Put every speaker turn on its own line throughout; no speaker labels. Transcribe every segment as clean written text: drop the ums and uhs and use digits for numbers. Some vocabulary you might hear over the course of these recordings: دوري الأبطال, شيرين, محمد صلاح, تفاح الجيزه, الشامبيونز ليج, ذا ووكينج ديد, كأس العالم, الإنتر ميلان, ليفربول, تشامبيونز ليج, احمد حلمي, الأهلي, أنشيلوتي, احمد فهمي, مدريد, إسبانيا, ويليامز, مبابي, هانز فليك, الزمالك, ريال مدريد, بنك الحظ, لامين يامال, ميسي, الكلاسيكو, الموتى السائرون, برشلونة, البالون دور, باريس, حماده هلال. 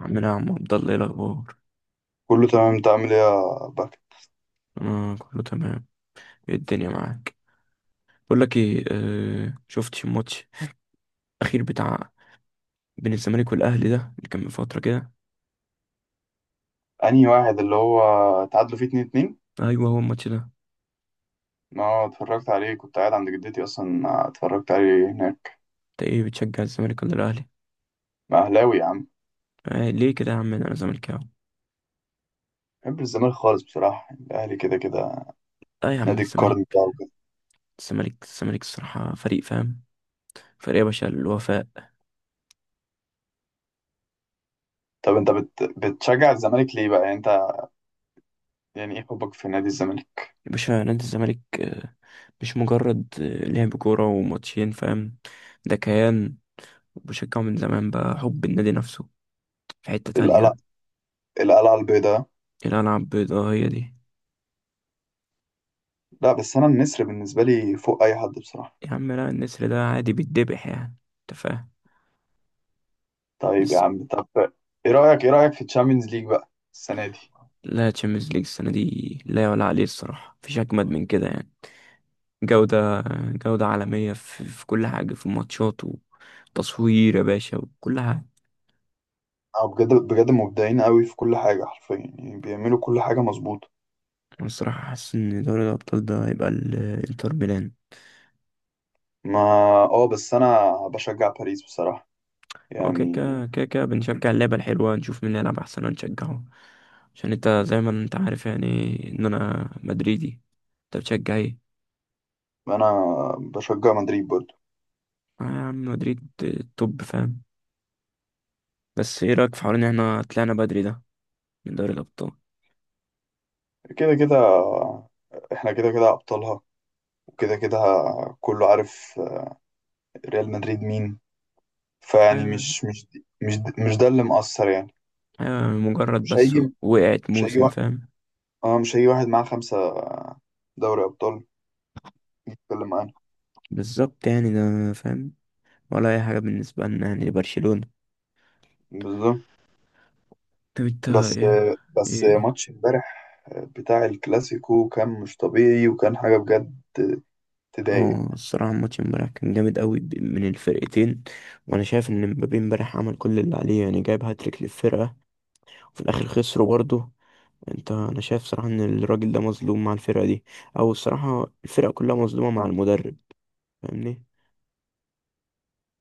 عامل ايه يا عم؟ نعم، عبد الله، ايه الاخبار؟
كله تمام. انت عامل ايه يا بك؟
انا كله تمام. ايه الدنيا معاك؟ بقول لك ايه، آه شفتش الماتش الاخير بتاع بين الزمالك والاهلي ده اللي كان من فتره كده؟
انهي واحد اللي هو تعادلوا فيه 2-2؟
ايوه هو الماتش ده.
ما اتفرجت عليه، كنت قاعد عند جدتي اصلا، اتفرجت عليه هناك.
انت ايه بتشجع الزمالك ولا الاهلي؟
ما اهلاوي يا عم.
آه ليه كده يا عم، انا زملكاوي.
بحب الزمالك خالص، بصراحة الاهلي كده كده.
اه يا عم
نادي القرن
الزمالك.
بقى وكده.
الزمالك الصراحه فريق فاهم، فريق يا باشا الوفاء.
طب انت بتشجع الزمالك ليه بقى، يعني انت؟ يعني ايه حبك في نادي الزمالك؟
يا باشا نادي الزمالك آه، مش مجرد لعب كوره وماتشين فاهم، ده كيان. بشجعه من زمان بقى، حب النادي نفسه في حته
القلعة
تانية.
القلعة البيضاء.
الألعاب بيضاء هي دي.
لا، بس انا النسر بالنسبة لي فوق اي حد بصراحة.
يا عم لا، النسر ده عادي بيتذبح، يعني انت فاهم.
طيب يا
بس
عم، طب ايه رأيك في الشامبيونز ليج بقى السنة دي؟
لا، تشامبيونز ليج السنة دي لا يعلى عليه الصراحة، مفيش أجمد من كده يعني. جودة، جودة عالمية في كل حاجة، في الماتشات وتصوير يا باشا وكل حاجة.
اه، بجد بجد مبدعين قوي في كل حاجة، حرفيا يعني بيعملوا كل حاجة مظبوطة.
أنا الصراحة حاسس إن دوري الأبطال ده هيبقى الإنتر ميلان.
ما اه بس انا بشجع باريس بصراحة،
هو كده
يعني.
كده كده كده بنشجع اللعبة الحلوة، نشوف مين اللي يلعب أحسن ونشجعه. عشان أنت زي ما أنت عارف يعني إن أنا مدريدي. أنت بتشجع إيه؟
انا بشجع مدريد برضو.
آه يا عم مدريد، توب فاهم. بس ايه رأيك في حوار ان احنا طلعنا بدري ده من دوري الأبطال؟
كده كده، احنا كده كده ابطالها وكده كده، كله عارف. ريال مدريد مين؟ فيعني
ايوه.
مش مش ده اللي مؤثر يعني.
ايوه مجرد
مش
بس
هيجي
وقعت
مش هيجي
موسم
واحد.
فاهم.
اه، مش هيجي واحد معاه 5 دوري ابطال يتكلم معانا.
بالظبط يعني ده فاهم، ولا اي حاجة بالنسبة لنا يعني لبرشلونة.
بالظبط.
طب انت
بس
ايه؟
بس
ايه؟
ماتش امبارح بتاع الكلاسيكو كان مش طبيعي، وكان حاجة بجد تضايق.
اه الصراحة الماتش امبارح كان جامد قوي من الفرقتين. وانا شايف ان مبابي امبارح عمل كل اللي عليه، يعني جايب هاتريك للفرقة وفي الاخر خسروا برضه. انت انا شايف صراحة ان الراجل ده مظلوم مع الفرقة دي، او الصراحة الفرقة كلها مظلومة مع المدرب. فاهمني.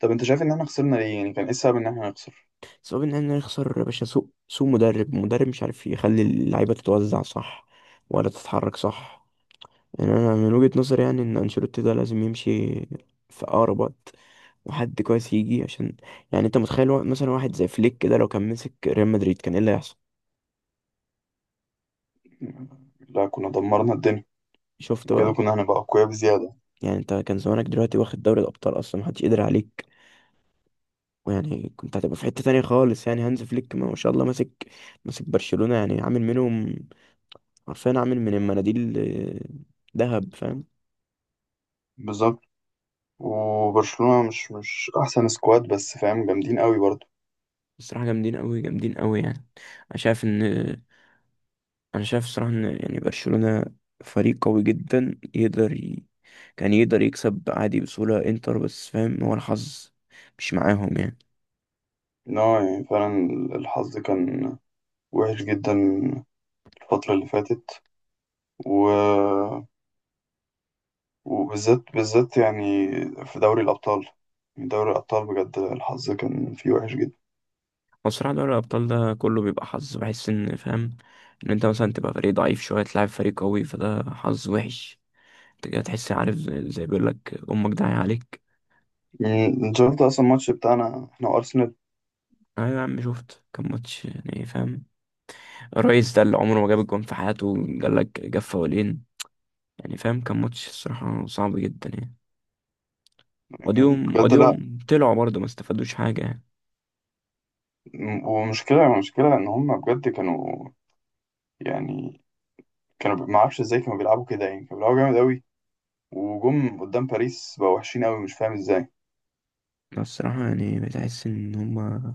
طب انت شايف ان احنا خسرنا ليه؟ يعني كان ايه السبب ان احنا نخسر؟
صعب ان احنا نخسر يا باشا، سوق مدرب مش عارف يخلي اللعيبه تتوزع صح ولا تتحرك صح. يعني انا من وجهه نظري يعني ان انشيلوتي ده لازم يمشي في اقرب وقت، وحد كويس يجي عشان، يعني انت متخيل مثلا واحد زي فليك كده لو كان مسك ريال مدريد كان ايه اللي هيحصل؟
لا، كنا دمرنا الدنيا
شفت
بجد،
بقى.
كنا هنبقى اقوياء بزيادة.
يعني انت كان زمانك دلوقتي واخد دوري الابطال، اصلا محدش قدر عليك. ويعني كنت هتبقى في حته تانية خالص، يعني هانز فليك ما شاء الله ماسك، ماسك برشلونه. يعني عامل منهم، عارفين، عامل من المناديل آه، دهب فاهم.
بالظبط. وبرشلونة مش احسن سكواد، بس فاهم جامدين قوي برضه.
الصراحة جامدين قوي، جامدين قوي يعني. انا شايف ان انا شايف الصراحة ان يعني برشلونة فريق قوي جدا، يقدر ي... كان يقدر يكسب عادي بسهولة انتر، بس فاهم هو الحظ مش معاهم يعني.
ان هو يعني فعلا الحظ كان وحش جدا الفترة اللي فاتت، و... وبالذات بالذات يعني في دوري الأبطال. يعني دوري الأبطال بجد الحظ كان فيه وحش جدا.
هو الصراحة دوري الابطال ده كله بيبقى حظ، بحس ان فاهم ان انت مثلا تبقى فريق ضعيف شوية تلعب فريق قوي فده حظ وحش. انت كده تحس عارف زي بيقول لك امك داعية عليك.
يعني انت شفت اصلا الماتش بتاعنا احنا وارسنال؟
ايوه يا عم شفت، كان ماتش يعني فاهم. الريس ده اللي عمره ما جاب الجون في حياته جاب لك، جاب فاولين. يعني فاهم كان ماتش الصراحة صعب جدا يعني.
يعني
واديهم
بجد لا.
واديهم طلعوا برضه، ما استفادوش حاجة يعني.
م- ومشكلة مشكلة ان هم بجد كانوا، يعني كانوا، ما اعرفش ازاي كانوا بيلعبوا كده، يعني كانوا بيلعبوا جامد قوي، وجم قدام باريس بقوا وحشين قوي، مش فاهم ازاي.
أنا الصراحة يعني بتحس إن هما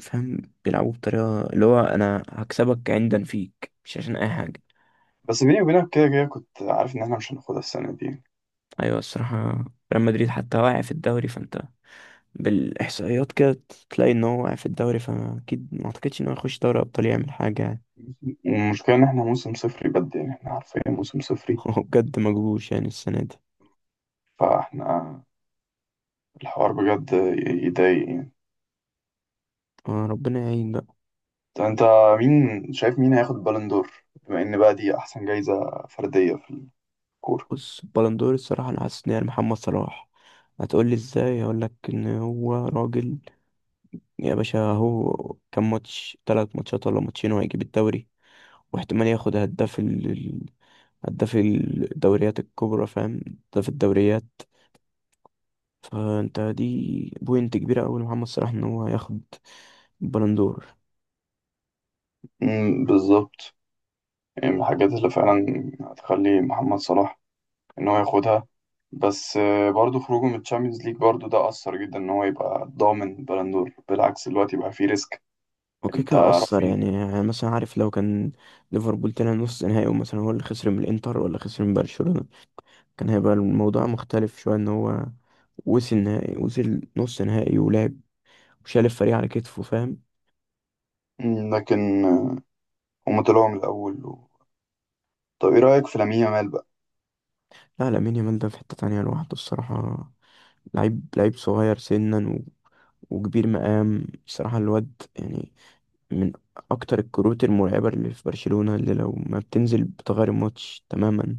فاهم بيلعبوا بطريقة اللي هو أنا هكسبك عندا فيك، مش عشان أي حاجة.
بس بيني وبينك، كده كده كنت عارف ان احنا مش هناخدها السنة دي.
أيوة الصراحة. ريال مدريد حتى واقع في الدوري، فأنت بالإحصائيات كده تلاقي إن هو واقع في الدوري، فأكيد ما أعتقدش إن هو يخش دوري أبطال يعمل حاجة يعني.
والمشكلة ان احنا موسم صفري بجد، يعني احنا حرفيا موسم صفري.
هو بجد مجهوش يعني السنة دي.
فاحنا الحوار بجد يضايق يعني.
آه، ربنا يعين بقى.
طب انت مين شايف مين هياخد بالون دور، بما ان بقى دي احسن جايزة فردية في الكورة؟
بص البلندور الصراحة أنا حاسس إن هي محمد صلاح. هتقولي إزاي؟ هقولك إن هو راجل يا باشا، هو كام ماتش؟ تلات ماتشات ولا ماتشين وهيجيب الدوري. واحتمال ياخد هداف هداف الدوريات الكبرى فاهم، هداف الدوريات. فأنت دي بوينت كبيرة أوي لمحمد صلاح إن هو ياخد البلندور.
مم، بالظبط. يعني من الحاجات اللي فعلا هتخلي محمد صلاح ان هو ياخدها. بس برضه خروجه من الشامبيونز ليج برضه ده أثر جدا ان هو يبقى ضامن بلندور، بالعكس دلوقتي بقى فيه ريسك.
وكده
انت
كده أثر
رافين.
يعني، يعني مثلا عارف لو كان ليفربول طلع نص نهائي ومثلا هو اللي خسر من الإنتر ولا خسر من برشلونة، كان هيبقى الموضوع مختلف شوية، ان هو وصل نهائي، وصل نص نهائي ولعب وشال الفريق على كتفه فاهم.
مم، لكن هما طلعوا من الأول. و... طب ايه رأيك في لامين يامال بقى؟
لا لامين يامال ده في حتة تانية لوحده الصراحة. لعيب، لعيب صغير سنا و... وكبير مقام الصراحة الواد يعني. من أكتر الكروت المرعبة اللي في برشلونة، اللي لو ما بتنزل بتغير الماتش تماما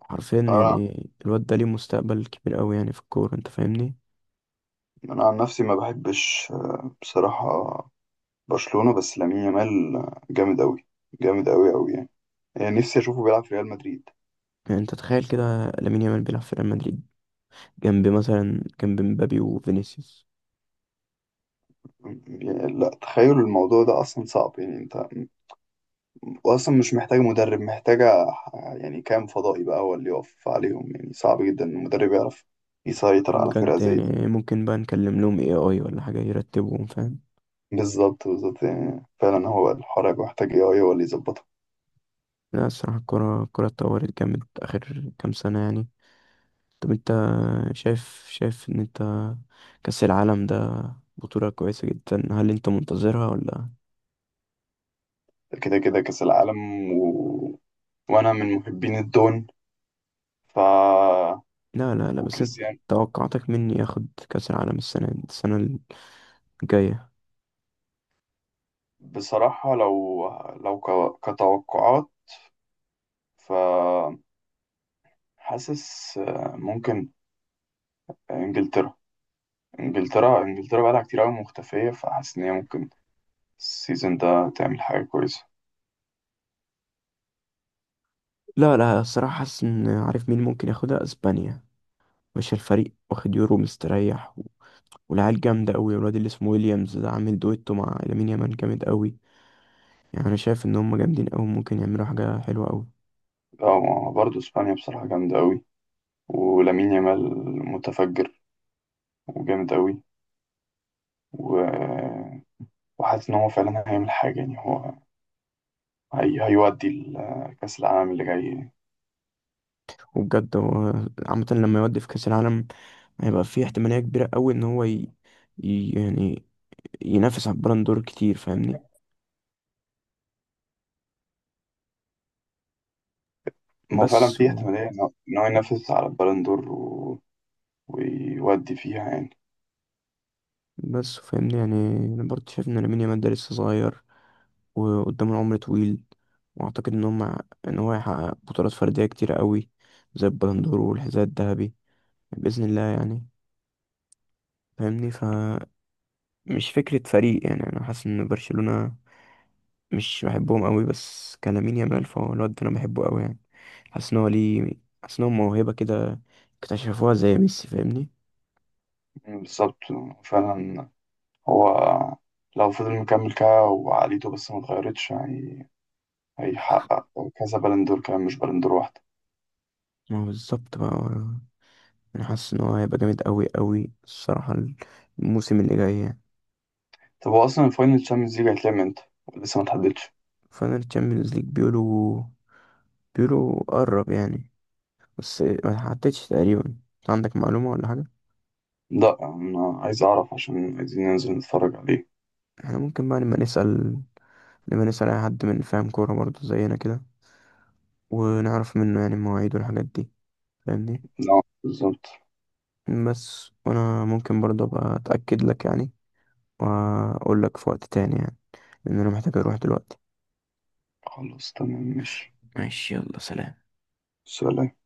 حرفيا
أنا
يعني. الواد ده ليه مستقبل كبير قوي يعني في الكورة، انت فاهمني.
أنا عن نفسي ما بحبش بصراحة برشلونة، بس لامين يامال جامد أوي، جامد أوي أوي يعني. يعني نفسي أشوفه بيلعب في ريال مدريد.
يعني انت تخيل كده لامين يامال بيلعب في ريال مدريد جنب مثلا، جنب مبابي وفينيسيوس.
يعني لا، تخيل الموضوع ده اصلا صعب يعني. انت واصلا مش محتاجة مدرب، محتاجة، يعني كام فضائي بقى هو اللي يقف عليهم. يعني صعب جدا ان المدرب يعرف يسيطر
او
على فرقة
بجد
زي
يعني
دي.
ممكن بقى نكلم لهم اي ولا حاجة يرتبهم فاهم.
بالظبط بالظبط، يعني فعلا هو الحوار هيبقى محتاج اي هو اللي يظبطها.
لا الصراحة الكرة اتطورت جامد آخر كام سنة يعني. طب انت شايف، شايف ان انت كأس العالم ده بطولة كويسة جدا، هل انت منتظرها ولا؟
كده كده كأس العالم، و... وانا من محبين الدون ف
لا، بس انت
وكريستيانو.
توقعاتك مني ياخد كأس العالم السنة الجاية؟
بصراحة لو كتوقعات، ف حاسس ممكن انجلترا انجلترا بقالها كتير قوي مختفية، فحاسس ان هي ممكن السيزون ده تعمل حاجة كويسة.
لا لا الصراحة حاسس ان عارف مين ممكن ياخدها، اسبانيا. مش الفريق واخد يورو مستريح و... والعيال جامدة أوي، الواد اللي اسمه ويليامز ده عامل دويتو مع لامين يامال جامد أوي. يعني انا شايف ان هم جامدين قوي، ممكن يعملوا حاجه حلوه قوي.
اه، ما برضه اسبانيا بصراحة جامدة أوي، ولامين يامال متفجر وجامد أوي. و... وحاسس إن هو فعلا هيعمل حاجة، يعني هو هيودي كأس العالم اللي جاي.
وبجد هو عامه لما يودي في كاس العالم هيبقى في احتماليه كبيره قوي ان هو يعني ينافس على البالون دور كتير فاهمني.
ما هو فعلا
بس
في
و...
احتمالية إن هو ينافس على البالون دور، و... ويودي فيها يعني.
بس فاهمني يعني. انا برضه شايف ان لامين يامال ده لسه صغير وقدام العمر طويل. واعتقد ان هم، ان هو هيحقق بطولات فرديه كتير قوي زي البالون دور والحذاء الذهبي باذن الله يعني. فاهمني، فمش فكره فريق يعني، انا حاسس ان برشلونه مش بحبهم قوي بس كلامين يامال، فهو الواد ده انا بحبه قوي يعني. حاسس ان هو ليه، حاسس ان هو موهبه كده اكتشفوها زي ميسي فاهمني.
بالظبط، فعلا هو لو فضل مكمل كده وعقليته بس ما اتغيرتش، هيحقق كذا بالون دور، كمان مش بالون دور واحدة.
ما هو بالظبط بقى هو- انا حاسس ان هو هيبقى جامد قوي الصراحه، الموسم اللي جاي يعني.
طب هو أصلا الفاينل تشامبيونز ليج هيتلعب امتى؟ لسه ما اتحددش.
فانا الشامبيونز ليج بيقولوا، بيقولوا قرب يعني، بس ما حطيتش تقريبا. عندك معلومه ولا حاجه؟
لا، أنا عايز أعرف عشان عايزين ننزل نتفرج عليه.
احنا ممكن بقى لما نسال اي حد من فاهم كوره برضه زينا كده ونعرف منه يعني المواعيد والحاجات دي، فاهمني.
لا، بالظبط.
بس وانا ممكن برضه ابقى اتاكد لك يعني، واقول لك في وقت تاني يعني، لان انا محتاج اروح دلوقتي.
خلاص، تمام، ماشي.
ماشي، يلا سلام.
سلام.